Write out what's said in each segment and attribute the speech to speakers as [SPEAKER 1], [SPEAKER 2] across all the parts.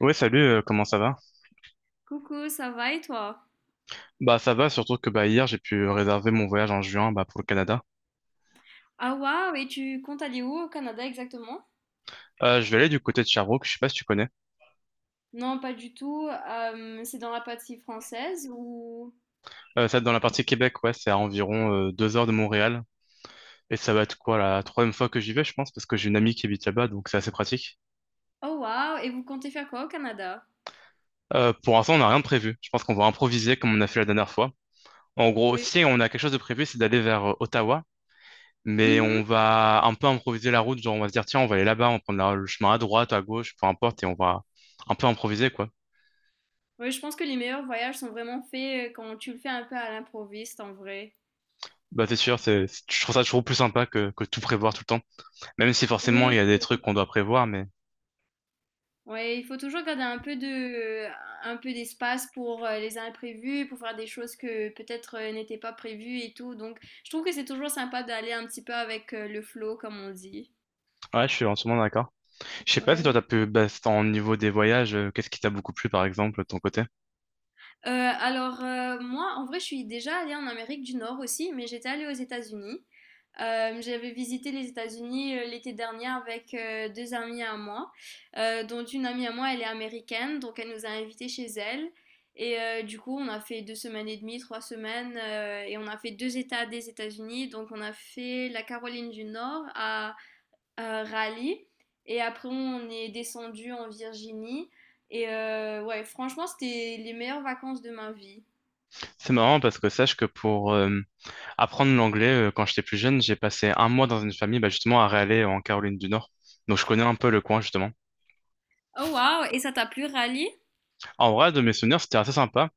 [SPEAKER 1] Ouais, salut, comment ça va?
[SPEAKER 2] Coucou, ça va et toi?
[SPEAKER 1] Bah ça va, surtout que bah hier j'ai pu réserver mon voyage en juin bah, pour le Canada.
[SPEAKER 2] Ah waouh, et tu comptes aller où au Canada exactement?
[SPEAKER 1] Je vais aller du côté de Sherbrooke, je sais pas si tu connais.
[SPEAKER 2] Non, pas du tout. C'est dans la partie française ou...
[SPEAKER 1] Ça dans la partie Québec, ouais, c'est à environ 2 heures de Montréal. Et ça va être quoi la troisième fois que j'y vais, je pense, parce que j'ai une amie qui habite là-bas, donc c'est assez pratique.
[SPEAKER 2] Oh waouh, et vous comptez faire quoi au Canada?
[SPEAKER 1] Pour l'instant, on n'a rien de prévu. Je pense qu'on va improviser comme on a fait la dernière fois. En gros,
[SPEAKER 2] Oui.
[SPEAKER 1] si on a quelque chose de prévu, c'est d'aller vers Ottawa. Mais on
[SPEAKER 2] Mhm.
[SPEAKER 1] va un peu improviser la route, genre on va se dire tiens, on va aller là-bas, on va prendre le chemin à droite, à gauche, peu importe, et on va un peu improviser quoi.
[SPEAKER 2] Oui, je pense que les meilleurs voyages sont vraiment faits quand tu le fais un peu à l'improviste en vrai.
[SPEAKER 1] Bah c'est sûr, je trouve ça toujours plus sympa que tout prévoir tout le temps. Même si forcément
[SPEAKER 2] Oui,
[SPEAKER 1] il y
[SPEAKER 2] je
[SPEAKER 1] a des
[SPEAKER 2] trouve.
[SPEAKER 1] trucs qu'on doit prévoir, mais
[SPEAKER 2] Ouais, il faut toujours garder un peu d'espace pour les imprévus, pour faire des choses que peut-être n'étaient pas prévues et tout. Donc, je trouve que c'est toujours sympa d'aller un petit peu avec le flow, comme on dit.
[SPEAKER 1] ouais, je suis entièrement d'accord. Je sais pas si toi
[SPEAKER 2] Ouais.
[SPEAKER 1] t'as pu, bah, c'est en niveau des voyages, qu'est-ce qui t'a beaucoup plu par exemple de ton côté?
[SPEAKER 2] Alors, moi, en vrai, je suis déjà allée en Amérique du Nord aussi, mais j'étais allée aux États-Unis. J'avais visité les États-Unis, l'été dernier avec, 2 amies à moi, dont une amie à moi, elle est américaine, donc elle nous a invités chez elle et du coup, on a fait 2 semaines et demie, 3 semaines, et on a fait 2 États des États-Unis. Donc on a fait la Caroline du Nord à Raleigh. Et après, on est descendu en Virginie. Et ouais, franchement, c'était les meilleures vacances de ma vie.
[SPEAKER 1] C'est marrant parce que sache que pour apprendre l'anglais, quand j'étais plus jeune, j'ai passé un mois dans une famille bah, justement à Raleigh en Caroline du Nord. Donc je connais un peu le coin justement.
[SPEAKER 2] Oh waouh! Et ça t'a plu, Rally?
[SPEAKER 1] En vrai, de mes souvenirs, c'était assez sympa.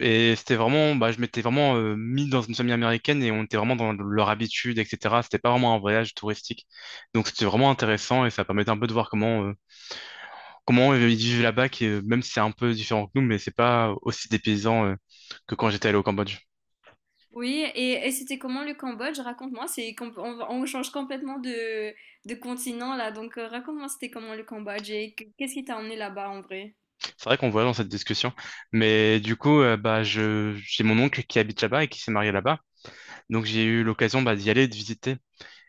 [SPEAKER 1] Et c'était vraiment, bah, je m'étais vraiment mis dans une famille américaine et on était vraiment dans leur habitude, etc. C'était pas vraiment un voyage touristique. Donc c'était vraiment intéressant et ça permettait un peu de voir comment ils vivent là-bas, qui, même si c'est un peu différent que nous, mais c'est pas aussi dépaysant que quand j'étais allé au Cambodge.
[SPEAKER 2] Oui, et c'était comment le Cambodge? Raconte-moi, on change complètement de continent là, donc raconte-moi c'était comment le Cambodge et qu'est-ce qui t'a emmené là-bas en vrai?
[SPEAKER 1] C'est vrai qu'on voit dans cette discussion. Mais du coup, bah, j'ai mon oncle qui habite là-bas et qui s'est marié là-bas. Donc j'ai eu l'occasion bah, d'y aller et de visiter.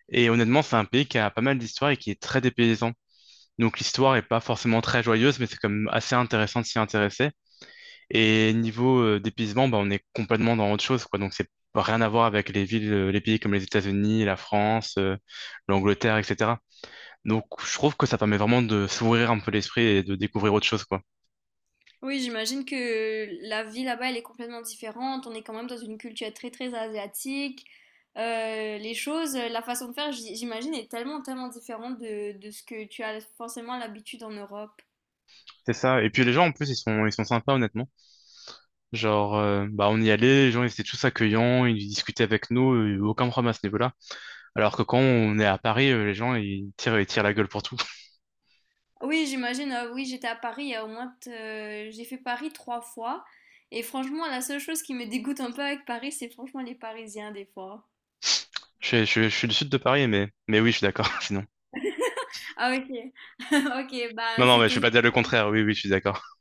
[SPEAKER 1] Et honnêtement, c'est un pays qui a pas mal d'histoire et qui est très dépaysant. Donc l'histoire est pas forcément très joyeuse, mais c'est quand même assez intéressant de s'y intéresser. Et niveau dépaysement, bah, on est complètement dans autre chose, quoi. Donc c'est rien à voir avec les villes, les pays comme les États-Unis, la France, l'Angleterre, etc. Donc, je trouve que ça permet vraiment de s'ouvrir un peu l'esprit et de découvrir autre chose, quoi.
[SPEAKER 2] Oui, j'imagine que la vie là-bas, elle est complètement différente. On est quand même dans une culture très très asiatique. Les choses, la façon de faire, j'imagine, est tellement tellement différente de ce que tu as forcément l'habitude en Europe.
[SPEAKER 1] C'est ça. Et puis les gens en plus ils sont sympas honnêtement. Genre bah on y allait, les gens ils étaient tous accueillants, ils discutaient avec nous, aucun problème à ce niveau-là. Alors que quand on est à Paris, les gens ils tirent la gueule pour tout.
[SPEAKER 2] Oui, j'imagine. Oui, j'étais à Paris il y a au moins, j'ai fait Paris 3 fois. Et franchement, la seule chose qui me dégoûte un peu avec Paris, c'est franchement les Parisiens des fois.
[SPEAKER 1] Je suis du sud de Paris mais oui je suis d'accord sinon.
[SPEAKER 2] Ah, ok. Ok,
[SPEAKER 1] Non,
[SPEAKER 2] bah
[SPEAKER 1] non, mais je vais
[SPEAKER 2] c'était.
[SPEAKER 1] pas dire le contraire. Oui, oui, je suis d'accord.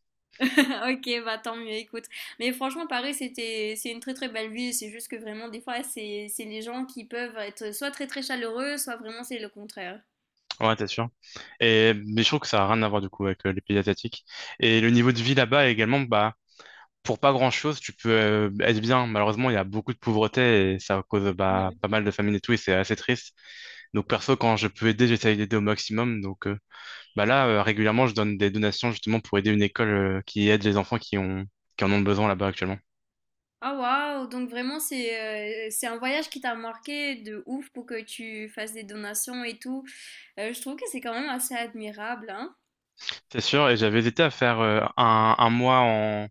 [SPEAKER 2] Ok, bah tant mieux, écoute. Mais franchement, Paris, c'est une très très belle ville. C'est juste que vraiment, des fois, c'est les gens qui peuvent être soit très très chaleureux, soit vraiment c'est le contraire.
[SPEAKER 1] Ouais, t'es sûr. Mais je trouve que ça a rien à voir du coup avec les pays asiatiques. Et le niveau de vie là-bas également, bah, pour pas grand-chose, tu peux être bien. Malheureusement, il y a beaucoup de pauvreté et ça cause bah,
[SPEAKER 2] Mhm.
[SPEAKER 1] pas mal de famine et tout, et c'est assez triste. Donc perso, quand je peux aider, j'essaye d'aider au maximum. Donc bah là, régulièrement, je donne des donations justement pour aider une école qui aide les enfants qui ont qui en ont besoin là-bas actuellement.
[SPEAKER 2] Ah waouh, donc vraiment, c'est un voyage qui t'a marqué de ouf pour que tu fasses des donations et tout. Je trouve que c'est quand même assez admirable, hein.
[SPEAKER 1] C'est sûr, et j'avais hésité à faire un mois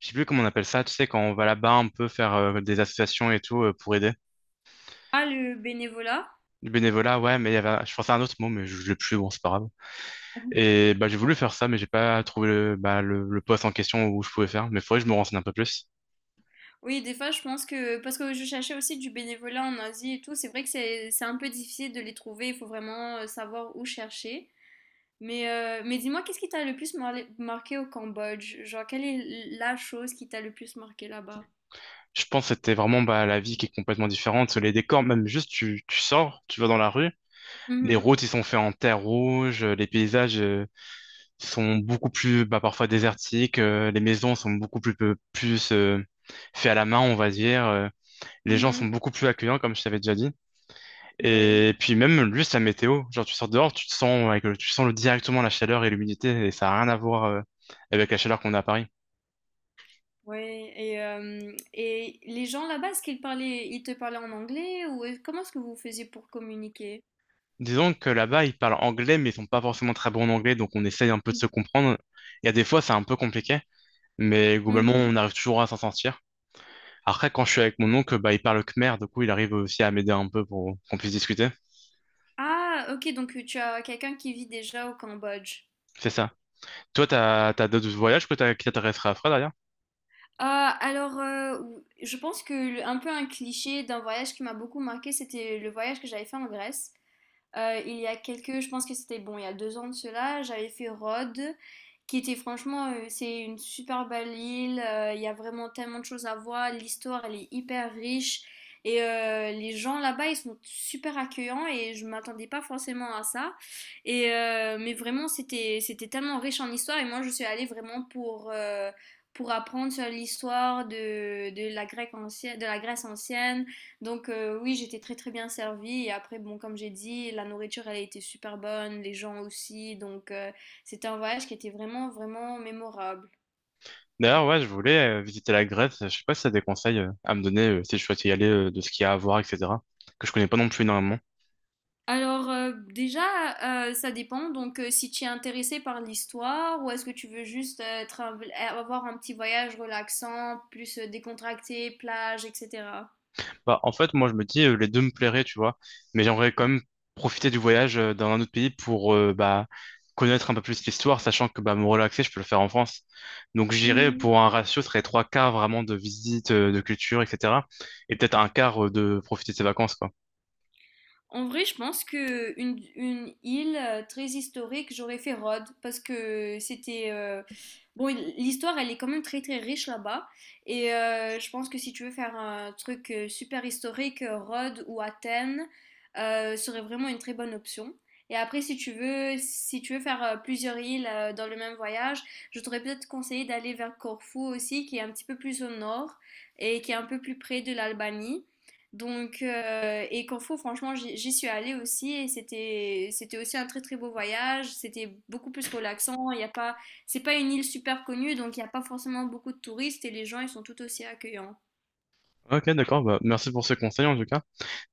[SPEAKER 1] Je sais plus comment on appelle ça, tu sais, quand on va là-bas un peu faire des associations et tout pour aider.
[SPEAKER 2] Ah, le bénévolat?
[SPEAKER 1] Du bénévolat, ouais, mais je pensais à un autre mot, mais je l'ai plus, bon, c'est pas grave. Et bah, j'ai voulu faire ça, mais j'ai pas trouvé le poste en question où je pouvais faire. Mais faudrait que je me renseigne un peu plus.
[SPEAKER 2] Oui, des fois, je pense que, parce que je cherchais aussi du bénévolat en Asie et tout, c'est vrai que c'est un peu difficile de les trouver. Il faut vraiment savoir où chercher. Mais dis-moi, qu'est-ce qui t'a le plus marqué au Cambodge? Genre, quelle est la chose qui t'a le plus marqué là-bas?
[SPEAKER 1] Je pense que c'était vraiment bah, la vie qui est complètement différente. Les décors, même juste, tu sors, tu vas dans la rue. Les
[SPEAKER 2] Mhm,
[SPEAKER 1] routes, ils sont faits en terre rouge. Les paysages, sont beaucoup plus bah, parfois désertiques, les maisons sont beaucoup plus, plus faites à la main, on va dire. Les gens
[SPEAKER 2] mhm.
[SPEAKER 1] sont beaucoup plus accueillants, comme je t'avais déjà dit.
[SPEAKER 2] Oui,
[SPEAKER 1] Et puis même juste la météo, genre tu sors dehors, tu te sens, avec le- tu sens le- directement la chaleur et l'humidité, et ça n'a rien à voir avec la chaleur qu'on a à Paris.
[SPEAKER 2] oui. Et les gens là-bas, ils te parlaient en anglais ou comment est-ce que vous faisiez pour communiquer?
[SPEAKER 1] Disons que là-bas, ils parlent anglais, mais ils sont pas forcément très bons en anglais, donc on essaye un peu de se comprendre. Il y a des fois, c'est un peu compliqué, mais globalement,
[SPEAKER 2] Mhm.
[SPEAKER 1] on arrive toujours à s'en sortir. Après, quand je suis avec mon oncle, bah, il parle khmer, du coup, il arrive aussi à m'aider un peu pour qu'on puisse discuter.
[SPEAKER 2] Ah, ok, donc tu as quelqu'un qui vit déjà au Cambodge.
[SPEAKER 1] C'est ça. Toi, t'as d'autres voyages qui t'intéresseraient à faire derrière?
[SPEAKER 2] Ah, alors, je pense que un peu un cliché d'un voyage qui m'a beaucoup marqué, c'était le voyage que j'avais fait en Grèce. Il y a quelques, Je pense que c'était bon, il y a 2 ans de cela, j'avais fait Rhodes, qui était franchement, c'est une super belle île, il y a vraiment tellement de choses à voir, l'histoire elle est hyper riche, et les gens là-bas ils sont super accueillants, et je m'attendais pas forcément à ça, mais vraiment c'était tellement riche en histoire, et moi je suis allée vraiment pour apprendre sur l'histoire de la Grèce ancienne, donc oui, j'étais très très bien servie. Et après, bon, comme j'ai dit, la nourriture, elle a été super bonne, les gens aussi. Donc c'était un voyage qui était vraiment vraiment mémorable.
[SPEAKER 1] D'ailleurs, ouais, je voulais visiter la Grèce. Je sais pas si t'as des conseils à me donner si je souhaite y aller, de ce qu'il y a à voir, etc. Que je connais pas non plus énormément.
[SPEAKER 2] Alors déjà, ça dépend. Donc si tu es intéressé par l'histoire ou est-ce que tu veux juste avoir un petit voyage relaxant, plus décontracté, plage, etc.
[SPEAKER 1] Bah, en fait, moi, je me dis, les deux me plairaient, tu vois. Mais j'aimerais quand même profiter du voyage dans un autre pays pour bah, connaître un peu plus l'histoire, sachant que bah, me relaxer, je peux le faire en France. Donc, j'irais pour un ratio, ce serait trois quarts vraiment de visite, de culture, etc. Et peut-être un quart de profiter de ses vacances, quoi.
[SPEAKER 2] En vrai, je pense que une île très historique, j'aurais fait Rhodes parce que c'était bon, l'histoire elle est quand même très très riche là-bas et je pense que si tu veux faire un truc super historique, Rhodes ou Athènes serait vraiment une très bonne option. Et après, si tu veux faire plusieurs îles dans le même voyage, je t'aurais peut-être conseillé d'aller vers Corfou aussi, qui est un petit peu plus au nord et qui est un peu plus près de l'Albanie. Donc, et Corfou, franchement, j'y suis allée aussi et c'était aussi un très très beau voyage. C'était beaucoup plus relaxant. Il y a pas, C'est pas une île super connue, donc il n'y a pas forcément beaucoup de touristes et les gens ils sont tout aussi accueillants.
[SPEAKER 1] Ok, d'accord. Bah, merci pour ce conseil, en tout cas.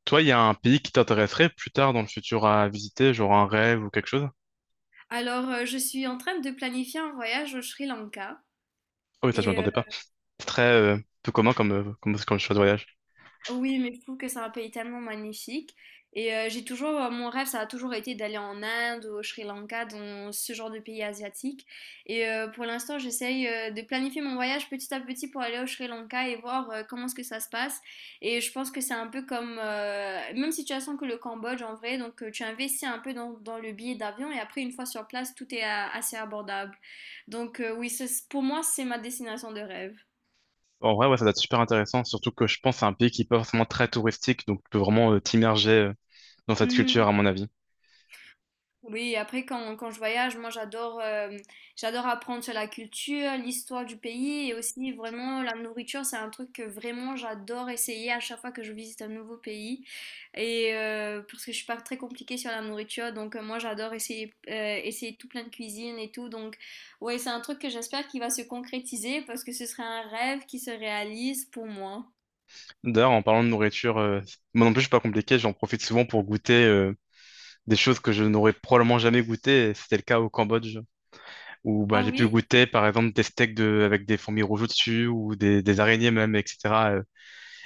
[SPEAKER 1] Toi, il y a un pays qui t'intéresserait plus tard dans le futur à visiter, genre un rêve ou quelque chose?
[SPEAKER 2] Alors, je suis en train de planifier un voyage au Sri Lanka
[SPEAKER 1] Oh oui, ça, je
[SPEAKER 2] et
[SPEAKER 1] m'attendais pas. C'est très peu commun comme choix de voyage.
[SPEAKER 2] Oui, mais je trouve que c'est un pays tellement magnifique. Et j'ai toujours, mon rêve, ça a toujours été d'aller en Inde, au Sri Lanka, dans ce genre de pays asiatiques. Et pour l'instant, j'essaye de planifier mon voyage petit à petit pour aller au Sri Lanka et voir comment est-ce que ça se passe. Et je pense que c'est un peu comme, même situation que le Cambodge en vrai. Donc tu investis un peu dans le billet d'avion et après, une fois sur place, tout est assez abordable. Donc oui, pour moi, c'est ma destination de rêve.
[SPEAKER 1] En vrai, ouais, ça doit être super intéressant, surtout que je pense que c'est un pays qui est pas forcément très touristique, donc tu peux vraiment t'immerger dans cette culture, à mon avis.
[SPEAKER 2] Oui, après quand je voyage, moi j'adore apprendre sur la culture, l'histoire du pays et aussi vraiment la nourriture, c'est un truc que vraiment j'adore essayer à chaque fois que je visite un nouveau pays. Et parce que je suis pas très compliquée sur la nourriture, donc moi j'adore essayer tout plein de cuisine et tout. Donc ouais, c'est un truc que j'espère qu'il va se concrétiser parce que ce serait un rêve qui se réalise pour moi.
[SPEAKER 1] D'ailleurs, en parlant de nourriture, moi non plus, je suis pas compliqué, j'en profite souvent pour goûter des choses que je n'aurais probablement jamais goûté, et c'était le cas au Cambodge, où bah,
[SPEAKER 2] Ah
[SPEAKER 1] j'ai pu
[SPEAKER 2] oui?
[SPEAKER 1] goûter, par exemple, des steaks avec des fourmis rouges au-dessus, ou des araignées même, etc. euh,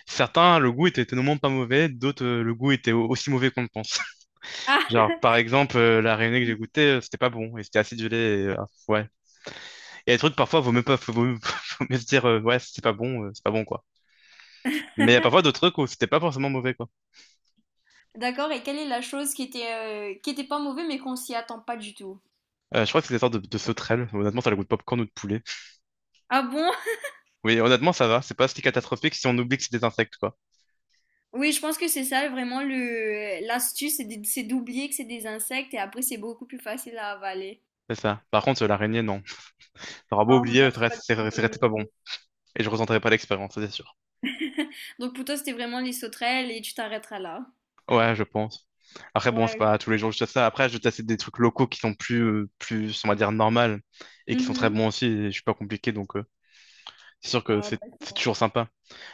[SPEAKER 1] Certains, le goût était tellement pas mauvais, d'autres, le goût était aussi mauvais qu'on le pense.
[SPEAKER 2] Ah,
[SPEAKER 1] Genre, par exemple, la réunion que j'ai goûtée, c'était pas bon, et c'était acidulé, et, ah, ouais. Et les trucs, parfois, vaut mieux pas, faut mieux, faut mieux se dire, ouais, c'est pas bon, quoi. Mais il y a parfois d'autres trucs où c'était pas forcément mauvais, quoi.
[SPEAKER 2] d'accord, et quelle est la chose qui était pas mauvaise mais qu'on s'y attend pas du tout?
[SPEAKER 1] Je crois que c'est des sortes de sauterelles. Honnêtement, ça a le goût de popcorn ou de poulet.
[SPEAKER 2] Ah bon?
[SPEAKER 1] Oui, honnêtement, ça va, c'est pas si catastrophique si on oublie que c'est des insectes, quoi.
[SPEAKER 2] Oui, je pense que c'est ça vraiment le l'astuce, c'est d'oublier que c'est des insectes et après c'est beaucoup plus facile à avaler.
[SPEAKER 1] C'est ça. Par contre, l'araignée, non. T'auras beau
[SPEAKER 2] Non, non,
[SPEAKER 1] oublier,
[SPEAKER 2] c'est pas du
[SPEAKER 1] c'est
[SPEAKER 2] tout
[SPEAKER 1] c'est resté pas
[SPEAKER 2] aimé.
[SPEAKER 1] bon. Et je ressentais pas l'expérience, ça, c'est sûr.
[SPEAKER 2] Donc pour toi, c'était vraiment les sauterelles et tu t'arrêteras là.
[SPEAKER 1] Ouais, je pense. Après, bon, c'est
[SPEAKER 2] Ouais.
[SPEAKER 1] pas tous les jours que je teste ça. Après, je teste des trucs locaux qui sont on va dire, normal et qui sont très
[SPEAKER 2] Mhm.
[SPEAKER 1] bons aussi. Et je suis pas compliqué, donc c'est sûr que
[SPEAKER 2] Ah,
[SPEAKER 1] c'est
[SPEAKER 2] d'accord.
[SPEAKER 1] toujours sympa.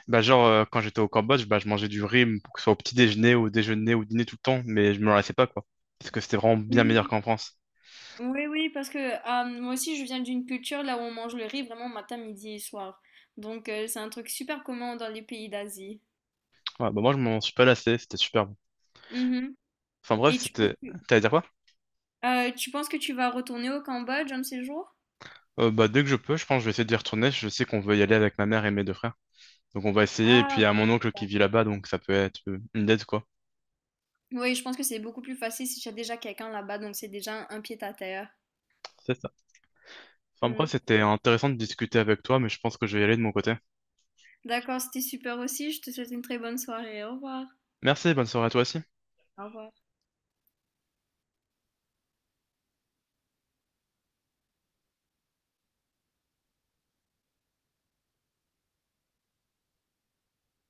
[SPEAKER 1] Bah, genre, quand j'étais au Cambodge, bah, je mangeais du riz, pour que ce soit au petit déjeuner, au dîner tout le temps, mais je me lassais pas, quoi. Parce que c'était vraiment bien meilleur
[SPEAKER 2] Oui,
[SPEAKER 1] qu'en France.
[SPEAKER 2] oui, oui, parce que moi aussi, je viens d'une culture là où on mange le riz vraiment matin, midi et soir. Donc c'est un truc super commun dans les pays d'Asie.
[SPEAKER 1] Ouais, bah, moi, je m'en suis pas lassé, c'était super bon.
[SPEAKER 2] Mhm.
[SPEAKER 1] Enfin, bref,
[SPEAKER 2] Et tu penses
[SPEAKER 1] c'était.
[SPEAKER 2] que,
[SPEAKER 1] T'allais dire quoi?
[SPEAKER 2] euh, tu penses que tu vas retourner au Cambodge un de ces jours?
[SPEAKER 1] Bah, dès que je peux, je pense que je vais essayer d'y retourner. Je sais qu'on veut y aller avec ma mère et mes 2 frères. Donc, on va essayer. Et puis, il y
[SPEAKER 2] Ah.
[SPEAKER 1] a mon oncle qui vit là-bas, donc ça peut être une dette, quoi.
[SPEAKER 2] Oui, je pense que c'est beaucoup plus facile si tu as déjà quelqu'un là-bas, donc c'est déjà un pied à terre.
[SPEAKER 1] C'est ça. Enfin bref,
[SPEAKER 2] Mm.
[SPEAKER 1] c'était intéressant de discuter avec toi, mais je pense que je vais y aller de mon côté.
[SPEAKER 2] D'accord, c'était super aussi. Je te souhaite une très bonne soirée. Au revoir.
[SPEAKER 1] Merci, bonne soirée à toi aussi.
[SPEAKER 2] Au revoir.